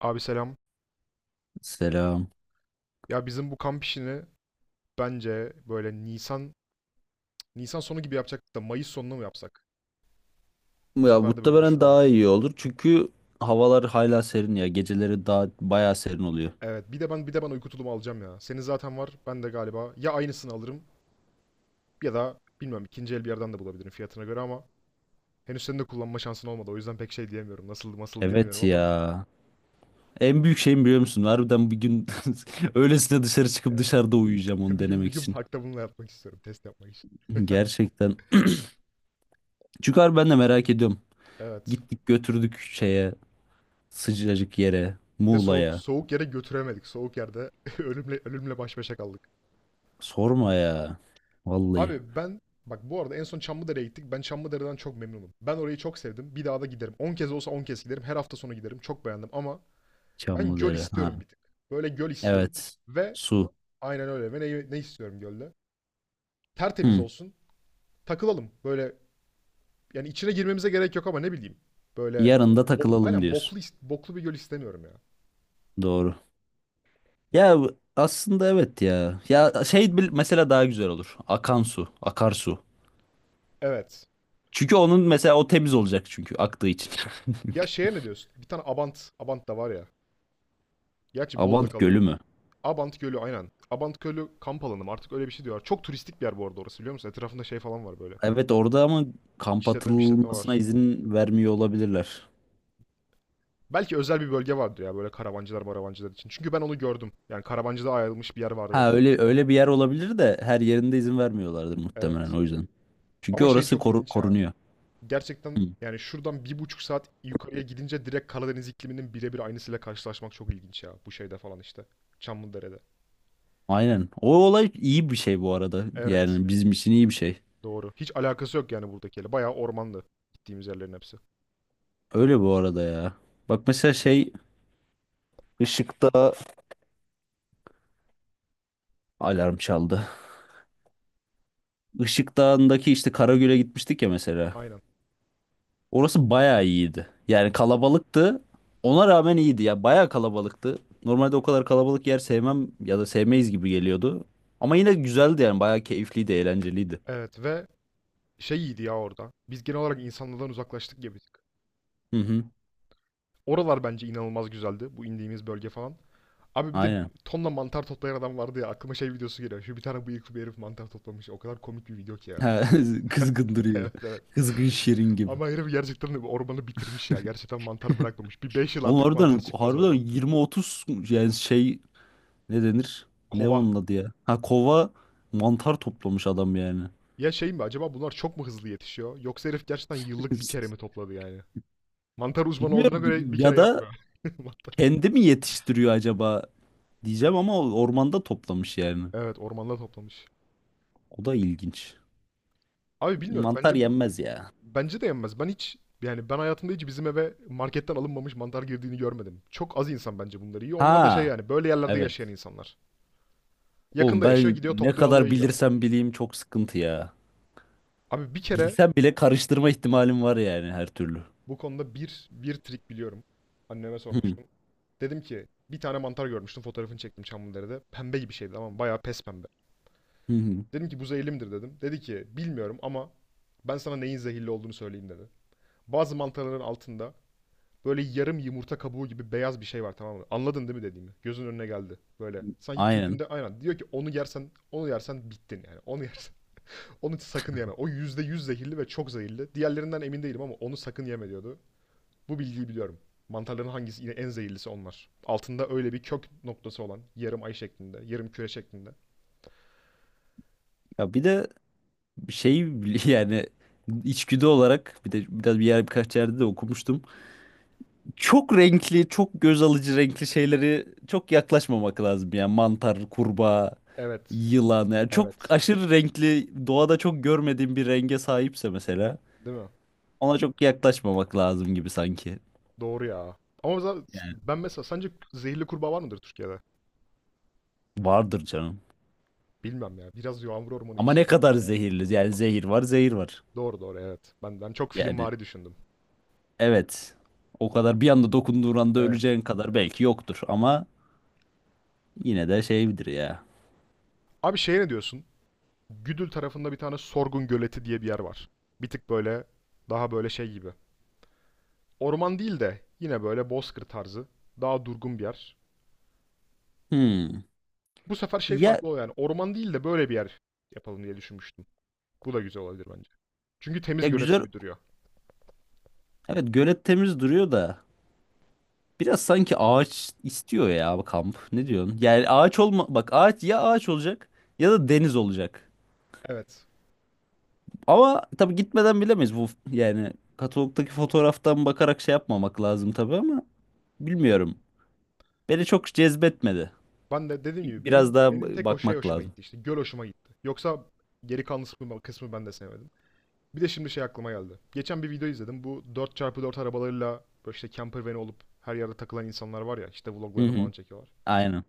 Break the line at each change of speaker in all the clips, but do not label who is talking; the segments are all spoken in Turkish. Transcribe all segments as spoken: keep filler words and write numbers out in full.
Abi selam.
Selam.
Ya bizim bu kamp işini bence böyle Nisan Nisan sonu gibi yapacaktık da Mayıs sonuna mı yapsak? Bu
Ya
sefer de böyle
muhtemelen
düşünüyordum.
daha iyi olur çünkü havalar hala serin ya. Geceleri daha bayağı serin oluyor.
Evet, bir de ben bir de ben uyku tulumu alacağım ya. Senin zaten var. Ben de galiba ya aynısını alırım ya da bilmem ikinci el bir yerden de bulabilirim fiyatına göre ama henüz senin de kullanma şansın olmadı. O yüzden pek şey diyemiyorum. Nasıl nasıl
Evet
diyemiyorum ama
ya. En büyük şeyim biliyor musun? Harbiden bir gün öylesine dışarı çıkıp
evet.
dışarıda uyuyacağım onu
Bir gün bir
denemek
gün
için.
parkta bununla yapmak istiyorum. Test yapmak için.
Gerçekten. Çünkü harbi ben de merak ediyorum.
Evet.
Gittik götürdük şeye sıcacık yere
Ve soğuk
Muğla'ya.
soğuk yere götüremedik. Soğuk yerde ölümle ölümle baş başa kaldık.
Sorma ya. Vallahi
Abi ben bak bu arada en son Çamlıdere'ye gittik. Ben Çamlıdere'den çok memnunum. Ben orayı çok sevdim. Bir daha da giderim. On kez olsa on kez giderim. Her hafta sonu giderim. Çok beğendim ama ben göl
Çamlıdere. Ha.
istiyorum bir tık. Böyle göl istiyorum.
Evet.
Ve
Su.
aynen öyle. Ve ne, ne istiyorum gölde? Tertemiz
Hı.
olsun. Takılalım. Böyle yani içine girmemize gerek yok ama ne bileyim. Böyle
Yarın da
bo-
takılalım
aynen
diyorsun.
boklu is- boklu bir göl istemiyorum ya.
Doğru. Ya aslında evet ya. Ya şey bil- mesela daha güzel olur. Akan su, akarsu.
Evet.
Çünkü onun mesela o temiz olacak çünkü aktığı için.
Ya şeye ne diyorsun? Bir tane Abant, Abant da var ya. Gerçi Bolu'da
Abant
kalıyor.
Gölü mü?
Abant Gölü aynen. Abant Gölü kamp alanı mı? Artık öyle bir şey diyorlar. Çok turistik bir yer bu arada orası biliyor musun? Etrafında şey falan var böyle.
Evet orada ama kamp
İşletme bir işletme
atılmasına
var.
izin vermiyor olabilirler.
Belki özel bir bölge vardı ya böyle karavancılar maravancılar için. Çünkü ben onu gördüm. Yani karavancıda ayrılmış bir yer vardı.
Ha, öyle öyle bir yer olabilir de her yerinde izin vermiyorlardır muhtemelen
Evet.
o yüzden. Çünkü
Ama şey
orası
çok
koru-
ilginç ya.
korunuyor.
Gerçekten
Hı.
yani şuradan bir buçuk saat yukarıya gidince direkt Karadeniz ikliminin birebir aynısıyla karşılaşmak çok ilginç ya. Bu şeyde falan işte. Çamlıdere'de.
Aynen. O
Hiç-
olay iyi bir şey bu arada.
Evet.
Yani bizim için iyi bir şey.
Doğru. Hiç alakası yok yani buradakiyle. Bayağı ormanlı gittiğimiz yerlerin hepsi.
Öyle bu arada ya. Bak mesela şey ışıkta alarm çaldı. Işık Dağı'ndaki işte Karagöl'e gitmiştik ya mesela.
Aynen.
Orası bayağı iyiydi. Yani kalabalıktı. Ona rağmen iyiydi ya. Bayağı kalabalıktı. Normalde o kadar kalabalık yer sevmem ya da sevmeyiz gibi geliyordu. Ama yine güzeldi yani. Bayağı keyifliydi, eğlenceliydi.
Evet ve şey iyiydi ya orada. Biz genel olarak insanlardan uzaklaştık ya birazcık.
Hı hı.
Oralar bence inanılmaz güzeldi. Bu indiğimiz bölge falan. Abi bir de
Aynen.
tonla mantar toplayan adam vardı ya. Aklıma şey videosu geliyor. Şu bir tane bıyıklı bir herif mantar toplamış. O kadar komik bir video ki ya.
Ha, kızgın duruyor.
Evet, evet.
Kızgın şirin gibi.
Ama herif gerçekten de ormanı bitirmiş ya. Gerçekten mantar bırakmamış. Bir beş yıl
Oğlum
artık mantar
harbiden,
çıkmaz
harbiden
orada.
yirmi otuz yani şey, ne denir? Ne
Kova.
onun adı ya? Ha, kova mantar toplamış adam yani.
Ya şey mi acaba bunlar çok mu hızlı yetişiyor? Yoksa herif gerçekten yıllık bir kere mi topladı yani? Mantar uzmanı olduğuna
Bilmiyorum,
göre bir kere
ya da
yapmıyor. Mantar-
kendi mi yetiştiriyor acaba diyeceğim ama o ormanda toplamış yani.
Evet ormanda toplamış.
O da ilginç.
Abi bilmiyorum
Mantar
bence bu
yenmez ya.
bence de yenmez. Ben hiç yani ben hayatımda hiç bizim eve marketten alınmamış mantar girdiğini görmedim. Çok az insan bence bunları yiyor. Onlar da şey
Ha,
yani böyle yerlerde
evet.
yaşayan insanlar.
Oğlum
Yakında yaşıyor,
ben
gidiyor,
ne
topluyor, alıyor,
kadar
yiyor.
bilirsem bileyim çok sıkıntı ya.
Abi bir kere
Bilsem bile karıştırma ihtimalim var yani her türlü.
bu konuda bir bir trik biliyorum. Anneme
Hı
sormuştum. Dedim ki bir tane mantar görmüştüm. Fotoğrafını çektim Çamlıdere'de. Pembe gibi şeydi ama bayağı pes pembe.
hı. Hı.
Dedim ki bu zehirli midir dedim. Dedi ki bilmiyorum ama ben sana neyin zehirli olduğunu söyleyeyim dedi. Bazı mantarların altında böyle yarım yumurta kabuğu gibi beyaz bir şey var tamam mı? Anladın değil mi dediğimi? Gözün önüne geldi. Böyle. Sanki
Aynen.
kökünde aynen. Diyor ki onu yersen, onu yersen bittin yani. Onu yersen. Onu sakın yeme. O yüzde yüz zehirli ve çok zehirli. Diğerlerinden emin değilim ama onu sakın yeme diyordu. Bu bilgiyi biliyorum. Mantarların hangisi yine en zehirlisi onlar. Altında öyle bir kök noktası olan yarım ay şeklinde, yarım küre şeklinde.
Ya bir de şey yani içgüdü olarak bir de biraz bir yer, birkaç yerde de okumuştum. Çok renkli, çok göz alıcı renkli şeyleri çok yaklaşmamak lazım yani mantar, kurbağa,
Evet.
yılan yani çok
Evet.
aşırı renkli, doğada çok görmediğim bir renge sahipse mesela
Değil mi?
ona çok yaklaşmamak lazım gibi sanki.
Doğru ya. Ama mesela-
Yani
ben mesela sence zehirli kurbağa var mıdır Türkiye'de?
vardır canım.
Bilmem ya. Biraz yağmur ormanı
Ama
işi
ne
sanki
kadar
o ya.
zehirli yani, zehir var, zehir var.
Doğru doğru evet. Ben, ben çok
Yani
filmvari düşündüm.
evet. O kadar bir anda, dokunduğun anda
Evet.
öleceğin kadar belki yoktur ama yine de şeydir ya.
Abi şeye ne diyorsun? Güdül tarafında bir tane Sorgun Göleti diye bir yer var. Bir tık böyle daha böyle şey gibi. Orman değil de yine böyle bozkır tarzı. Daha durgun bir yer.
Hmm.
Bu sefer şey
Ya,
farklı oluyor yani orman değil de böyle bir yer yapalım diye düşünmüştüm. Bu da güzel olabilir bence. Çünkü temiz
ya
gölet
güzel,
gibi duruyor.
evet, gölet temiz duruyor da biraz sanki ağaç istiyor ya bu kamp. Ne diyorsun? Yani ağaç olma, bak ağaç ya, ağaç olacak ya da deniz olacak.
Evet.
Ama tabii gitmeden bilemeyiz bu, yani katalogdaki fotoğraftan bakarak şey yapmamak lazım tabii ama bilmiyorum. Beni çok cezbetmedi.
Ben de dediğim gibi
Biraz
benim
daha
benim
b-
tek o şey
bakmak
hoşuma
lazım.
gitti işte göl hoşuma gitti. Yoksa geri kalan kısmı, kısmı ben de sevmedim. Bir de şimdi şey aklıma geldi. Geçen bir video izledim. Bu dört çarpı dört arabalarıyla böyle işte camper van olup her yerde takılan insanlar var ya işte
Hı
vloglarını
hı.
falan çekiyorlar.
Aynen.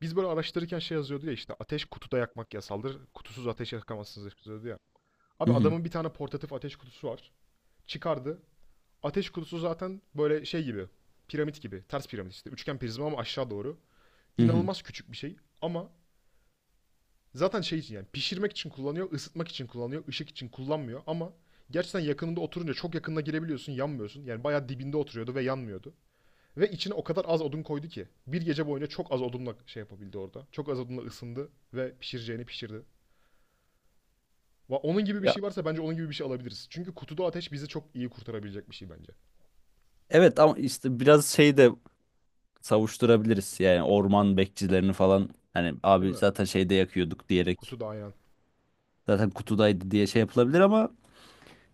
Biz böyle araştırırken şey yazıyordu ya işte ateş kutuda yakmak yasaldır. Kutusuz ateş yakamazsınız yazıyordu ya.
Hı
Abi
hı.
adamın bir tane portatif ateş kutusu var. Çıkardı. Ateş kutusu zaten böyle şey gibi. Piramit gibi. Ters piramit işte. Üçgen prizma ama aşağı doğru.
Hı hı.
İnanılmaz küçük bir şey. Ama zaten şey için yani pişirmek için kullanıyor, ısıtmak için kullanıyor, ışık için kullanmıyor ama gerçekten yakınında oturunca çok yakınına girebiliyorsun, yanmıyorsun. Yani bayağı dibinde oturuyordu ve yanmıyordu. Ve içine o kadar az odun koydu ki bir gece boyunca çok az odunla şey yapabildi orada. Çok az odunla ısındı ve pişireceğini pişirdi. Va- Onun gibi bir
Ya
şey varsa bence onun gibi bir şey alabiliriz. Çünkü kutuda ateş bizi çok iyi kurtarabilecek bir şey bence.
evet, ama işte biraz şey de savuşturabiliriz. Yani orman bekçilerini falan, hani
Değil
abi
mi?
zaten şeyde yakıyorduk diyerek,
Kutuda aynen.
zaten kutudaydı diye şey yapılabilir ama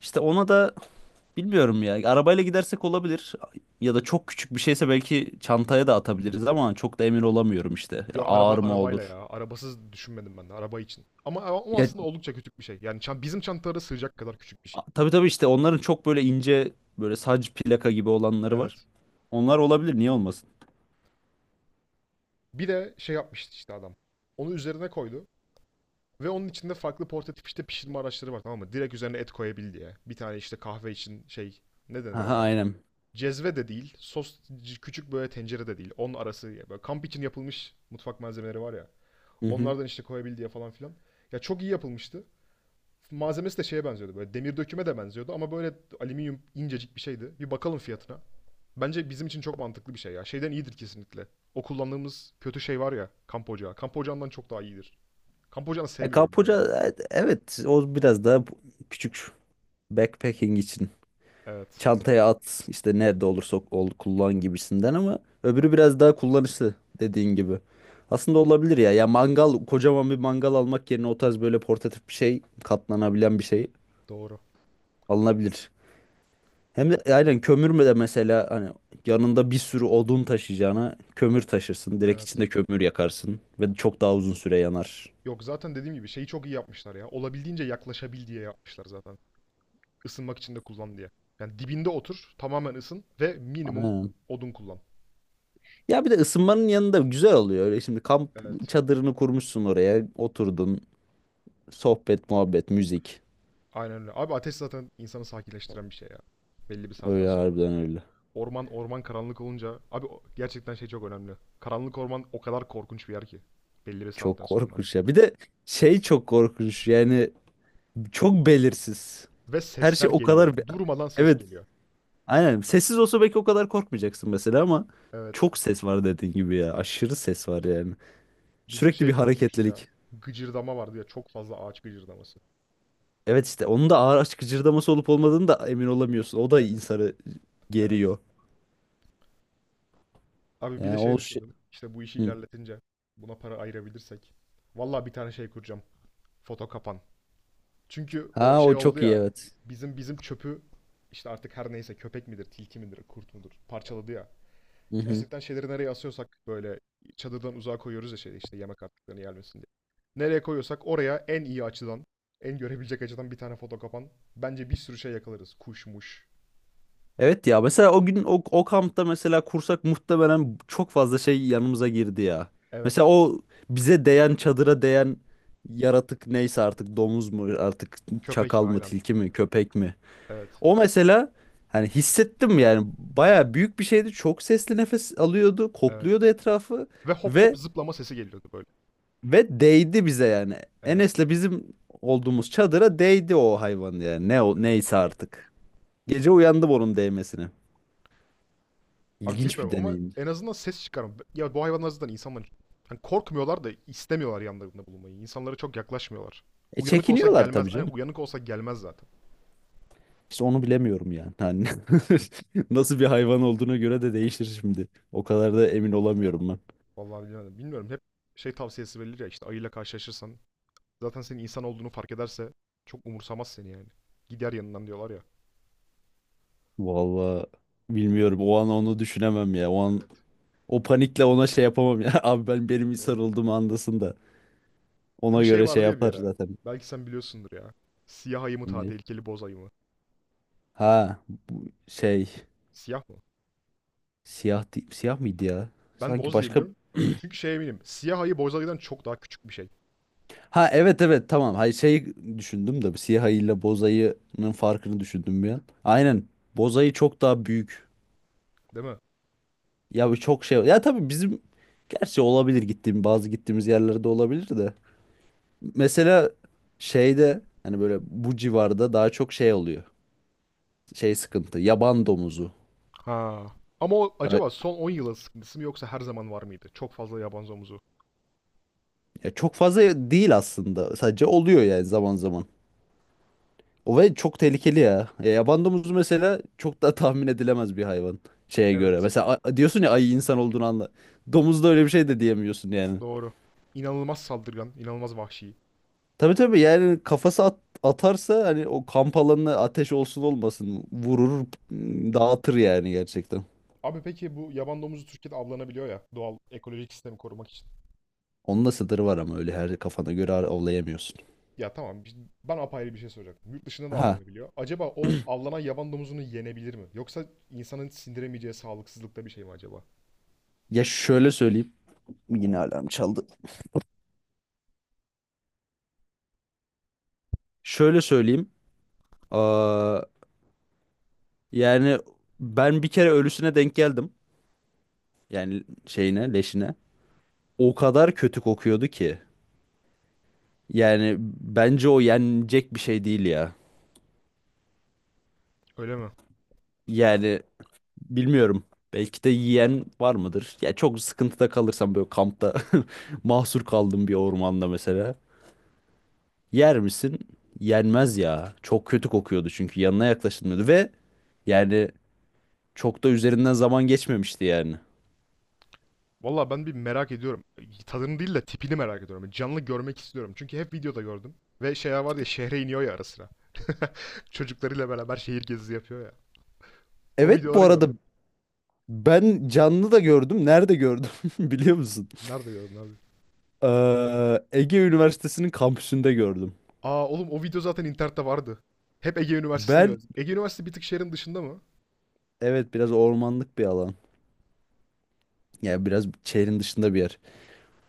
İşte ona da bilmiyorum ya. Arabayla gidersek olabilir. Ya da çok küçük bir şeyse belki çantaya da atabiliriz ama çok da emin olamıyorum işte.
Yo araba
Ağır mı
arabayla
olur?
ya. Arabasız düşünmedim ben de araba için. Ama o
Ya
aslında oldukça küçük bir şey. Yani çan- bizim çantalara sığacak kadar küçük bir şey.
a- tabii tabii, işte onların çok böyle ince, böyle sac plaka gibi olanları var.
Evet.
Onlar olabilir, niye olmasın?
Bir de şey yapmıştı işte adam. Onu üzerine koydu. Ve onun içinde farklı portatif işte pişirme araçları var tamam mı? Direkt üzerine et koyabil diye. Bir tane işte kahve için şey, ne denir ona
Aha,
ya?
aynen.
Cezve de değil. Sos küçük böyle tencere de değil. Onun arası böyle kamp için yapılmış mutfak malzemeleri var ya.
Hı hı.
Onlardan işte koyabil diye falan filan. Ya çok iyi yapılmıştı. Malzemesi de şeye benziyordu böyle demir döküme de benziyordu ama böyle alüminyum incecik bir şeydi. Bir bakalım fiyatına. Bence bizim için çok mantıklı bir şey ya. Şeyden iyidir kesinlikle. O kullandığımız kötü şey var ya, kamp ocağı. Kamp ocağından çok daha iyidir. Kamp ocağını
E,
sevmiyorum ben ya.
kapuca, e, evet, o biraz daha bu- küçük, backpacking için.
Evet,
Çantaya at, işte nerede olursa ol kullan gibisinden ama öbürü biraz daha kullanışlı dediğin gibi. Aslında olabilir ya. Ya mangal, kocaman bir mangal almak yerine o tarz böyle portatif bir şey, katlanabilen bir şey
doğru.
alınabilir. Hem de e, aynen, kömür de mesela, hani yanında bir sürü odun taşıyacağına kömür taşırsın. Direkt
Evet.
içinde kömür yakarsın ve çok daha uzun süre yanar.
Yok zaten dediğim gibi şeyi çok iyi yapmışlar ya. Olabildiğince yaklaşabil diye yapmışlar zaten. Isınmak için de kullan diye. Yani dibinde otur, tamamen ısın ve minimum
Aynen.
odun kullan.
Ya bir de ısınmanın yanında güzel oluyor. Öyle şimdi kamp
Evet.
çadırını kurmuşsun oraya, oturdun, sohbet, muhabbet, müzik.
Aynen öyle. Abi ateş zaten insanı sakinleştiren bir şey ya. Belli bir saatten
Öyle
sonra.
harbiden, öyle.
Orman orman karanlık olunca abi gerçekten şey çok önemli. Karanlık orman o kadar korkunç bir yer ki belli bir
Çok
saatten sonra.
korkunç ya. Bir de şey çok korkunç yani, çok belirsiz.
Ve
Her şey
sesler
o
geliyor.
kadar... be-
Durmadan ses
Evet,
geliyor.
aynen. Sessiz olsa belki o kadar korkmayacaksın mesela ama
Evet.
çok ses var dediğin gibi ya. Aşırı ses var yani.
Bizim
Sürekli bir
şey korkunçtu ya.
hareketlilik.
Gıcırdama vardı ya çok fazla ağaç gıcırdaması.
Evet, işte onun da ağır açık cırdaması olup olmadığını da emin olamıyorsun. O da
Evet,
insanı
evet.
geriyor.
Abi bir
Yani
de şey
o şey...
düşündüm. İşte bu işi
Hı.
ilerletince buna para ayırabilirsek vallahi bir tane şey kuracağım. Foto kapan. Çünkü o
Ha,
şey
o
oldu
çok iyi,
ya.
evet.
Bizim bizim çöpü işte artık her neyse köpek midir, tilki midir, kurt mudur parçaladı ya.
Hı hı.
Gerçekten şeyleri nereye asıyorsak böyle çadırdan uzağa koyuyoruz ya şey işte yemek artıklarını yermesin diye. Nereye koyuyorsak oraya en iyi açıdan, en görebilecek açıdan bir tane foto kapan. Bence bir sürü şey yakalarız. Kuşmuş.
Evet ya, mesela o gün o, o kampta mesela kursak muhtemelen çok fazla şey yanımıza girdi ya. Mesela
Evet.
o bize değen, çadıra değen yaratık neyse artık, domuz mu artık,
Köpek mi?
çakal mı,
Aynen.
tilki mi, köpek mi.
Evet.
O mesela, hani hissettim yani, baya büyük bir şeydi, çok sesli nefes alıyordu,
Evet.
kokluyordu etrafı
Ve hop hop
ve
zıplama sesi geliyordu böyle.
ve değdi bize yani.
Evet.
Enes'le bizim olduğumuz çadıra değdi o hayvan yani, ne o
Evet.
neyse artık. Gece uyandım onun değmesine.
Abi
İlginç bir
bilmiyorum ama
deneyim.
en azından ses çıkarım. Ya bu hayvanlar zaten insanlar hani korkmuyorlar da istemiyorlar yanlarında bulunmayı. İnsanlara çok yaklaşmıyorlar.
E
Uyanık olsak
çekiniyorlar
gelmez.
tabii
Aynen
canım.
uyanık olsak gelmez zaten.
İşte onu bilemiyorum yani. Hani nasıl bir hayvan olduğuna göre de değişir şimdi. O kadar da emin olamıyorum ben.
Vallahi bilmiyorum, bilmiyorum. Hep şey tavsiyesi verilir ya işte ayıyla karşılaşırsan zaten senin insan olduğunu fark ederse çok umursamaz seni yani. Gider yanından diyorlar ya.
Vallahi bilmiyorum. O an onu düşünemem ya. O an
Evet,
o panikle ona şey yapamam ya. Abi ben, benim insan
doğru.
olduğumu andasın da.
Ya bir
Ona
şey
göre şey
vardı ya bir
yapar
ara.
zaten.
Belki sen biliyorsundur ya. Siyah ayı mı daha
Ne?
tehlikeli boz ayı mı?
Ha, bu şey
Siyah mı?
siyah değil- siyah mıydı ya?
Ben
Sanki
boz diye
başka.
biliyorum. Çünkü şey eminim. Siyah ayı boz ayıdan çok daha küçük bir şey.
Ha, evet evet, tamam. Hayır şey, düşündüm de bu siyah ayıyla boz ayının farkını düşündüm bir an. Aynen. Boz ayı çok daha büyük.
Değil mi?
Ya bu çok şey. Ya tabii bizim, gerçi olabilir, gittiğim bazı, gittiğimiz yerlerde olabilir de. Mesela şeyde, hani böyle bu civarda daha çok şey oluyor. Şey sıkıntı. Yaban domuzu.
Ha. Ama o
Ya,
acaba son on yılın sıkıntısı mı yoksa her zaman var mıydı? Çok fazla yaban domuzu.
ya çok fazla değil aslında. Sadece oluyor yani zaman zaman. O ve çok tehlikeli ya. Ya yaban domuzu mesela çok da tahmin edilemez bir hayvan, şeye göre.
Evet.
Mesela a- diyorsun ya ayı insan olduğunu anla. Domuzda öyle bir şey de diyemiyorsun yani.
Doğru. İnanılmaz saldırgan, inanılmaz vahşi.
Tabii tabii, yani kafası at- atarsa hani, o kamp alanına ateş olsun olmasın vurur m, dağıtır yani, gerçekten.
Abi peki bu yaban domuzu Türkiye'de avlanabiliyor ya doğal ekolojik sistemi korumak için.
Onun da sınırı var ama öyle her kafana göre ar- avlayamıyorsun.
Ya tamam ben apayrı bir şey soracaktım. Yurt dışında da
Ha,
avlanabiliyor. Acaba o avlanan yaban domuzunu yenebilir mi? Yoksa insanın sindiremeyeceği sağlıksızlıkta bir şey mi acaba?
ya şöyle söyleyeyim. Yine alarm çaldı. Şöyle söyleyeyim. Aa, yani ben bir kere ölüsüne denk geldim. Yani şeyine, leşine. O kadar kötü kokuyordu ki. Yani bence o yenecek bir şey değil ya.
Öyle mi?
Yani bilmiyorum. Belki de yiyen var mıdır? Ya çok sıkıntıda kalırsam böyle kampta mahsur kaldım bir ormanda mesela. Yer misin? Yenmez ya. Çok kötü kokuyordu, çünkü yanına yaklaşılmıyordu ve yani çok da üzerinden zaman geçmemişti yani.
Valla ben bir merak ediyorum. Tadını değil de tipini merak ediyorum. Yani canlı görmek istiyorum. Çünkü hep videoda gördüm. Ve şeyler var ya şehre iniyor ya ara sıra. Çocuklarıyla beraber şehir gezisi yapıyor ya. O
Evet,
videoları
bu arada
gördüm.
ben canlı da gördüm. Nerede gördüm biliyor musun?
Nerede gördün abi?
Ee, Ege Üniversitesi'nin kampüsünde gördüm.
Aa oğlum o video zaten internette vardı. Hep Ege Üniversitesi'ne
Ben,
gördüm. Ege Üniversitesi bir tık şehrin dışında mı?
evet, biraz ormanlık bir alan. Yani biraz şehrin dışında bir yer.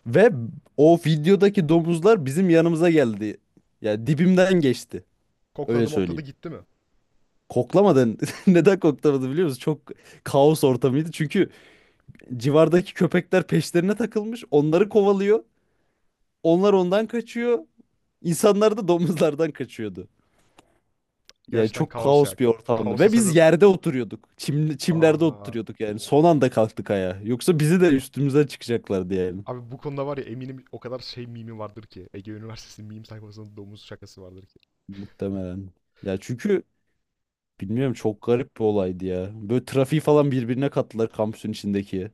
Ve o videodaki domuzlar bizim yanımıza geldi. Yani dibimden geçti. Öyle
Kokladı mokladı
söyleyeyim.
gitti mi?
Koklamadan neden koklamadı biliyor musun? Çok kaos ortamıydı. Çünkü civardaki köpekler peşlerine takılmış. Onları kovalıyor. Onlar ondan kaçıyor. İnsanlar da domuzlardan kaçıyordu. Yani
Gerçekten
çok
kaos ya.
kaos bir ortamdı.
Kaosa
Ve biz
sebep.
yerde oturuyorduk. Çim, çimlerde
Aa.
oturuyorduk yani. Son anda kalktık ayağa. Yoksa bizi de üstümüze çıkacaklardı yani.
Abi bu konuda var ya eminim o kadar şey mimi vardır ki. Ege Üniversitesi'nin meme sayfasında domuz şakası vardır ki.
Muhtemelen. Ya çünkü bilmiyorum, çok garip bir olaydı ya. Böyle trafiği falan birbirine kattılar kampüsün içindeki.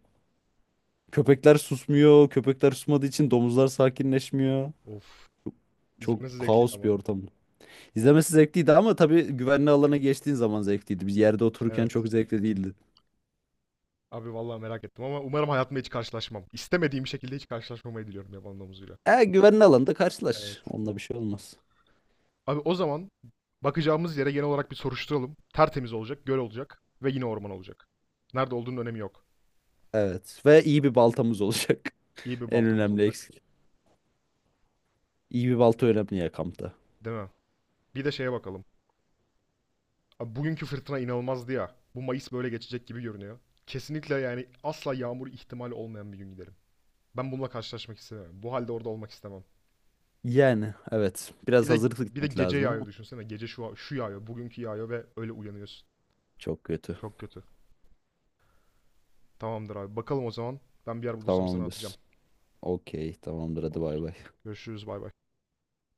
Köpekler susmuyor. Köpekler susmadığı için domuzlar sakinleşmiyor.
Of.
Çok
İzlemesi zevkliydi
kaos bir
ama.
ortam. İzlemesi zevkliydi ama tabii güvenli alana geçtiğin zaman zevkliydi. Biz yerde otururken
Evet.
çok zevkli değildi.
Abi vallahi merak ettim ama umarım hayatımda hiç karşılaşmam. İstemediğim şekilde hiç karşılaşmamayı diliyorum yaban domuzuyla.
E güvenli alanda
Evet.
karşılaş. Onunla bir şey olmaz.
Abi o zaman bakacağımız yere genel olarak bir soruşturalım. Tertemiz olacak, göl olacak ve yine orman olacak. Nerede olduğunun önemi yok.
Evet, ve iyi bir baltamız olacak.
İyi bir
En
baltamız
önemli
olacak.
eksik. İyi bir balta önemli ya kampta.
Değil mi? Bir de şeye bakalım. Abi bugünkü fırtına inanılmazdı ya. Bu Mayıs böyle geçecek gibi görünüyor. Kesinlikle yani asla yağmur ihtimali olmayan bir gün giderim. Ben bununla karşılaşmak istemem. Bu halde orada olmak istemem.
Yani evet,
Bir
biraz
de
hazırlıklı
bir de
gitmek
gece
lazım
yağıyor
ama
düşünsene. Gece şu şu yağıyor, bugünkü yağıyor ve öyle uyanıyorsun.
çok kötü.
Çok kötü. Tamamdır abi. Bakalım o zaman. Ben bir yer bulursam sana atacağım.
Tamamdır. Okey, tamamdır, hadi bay
Tamamdır.
bay.
Görüşürüz. Bay bay.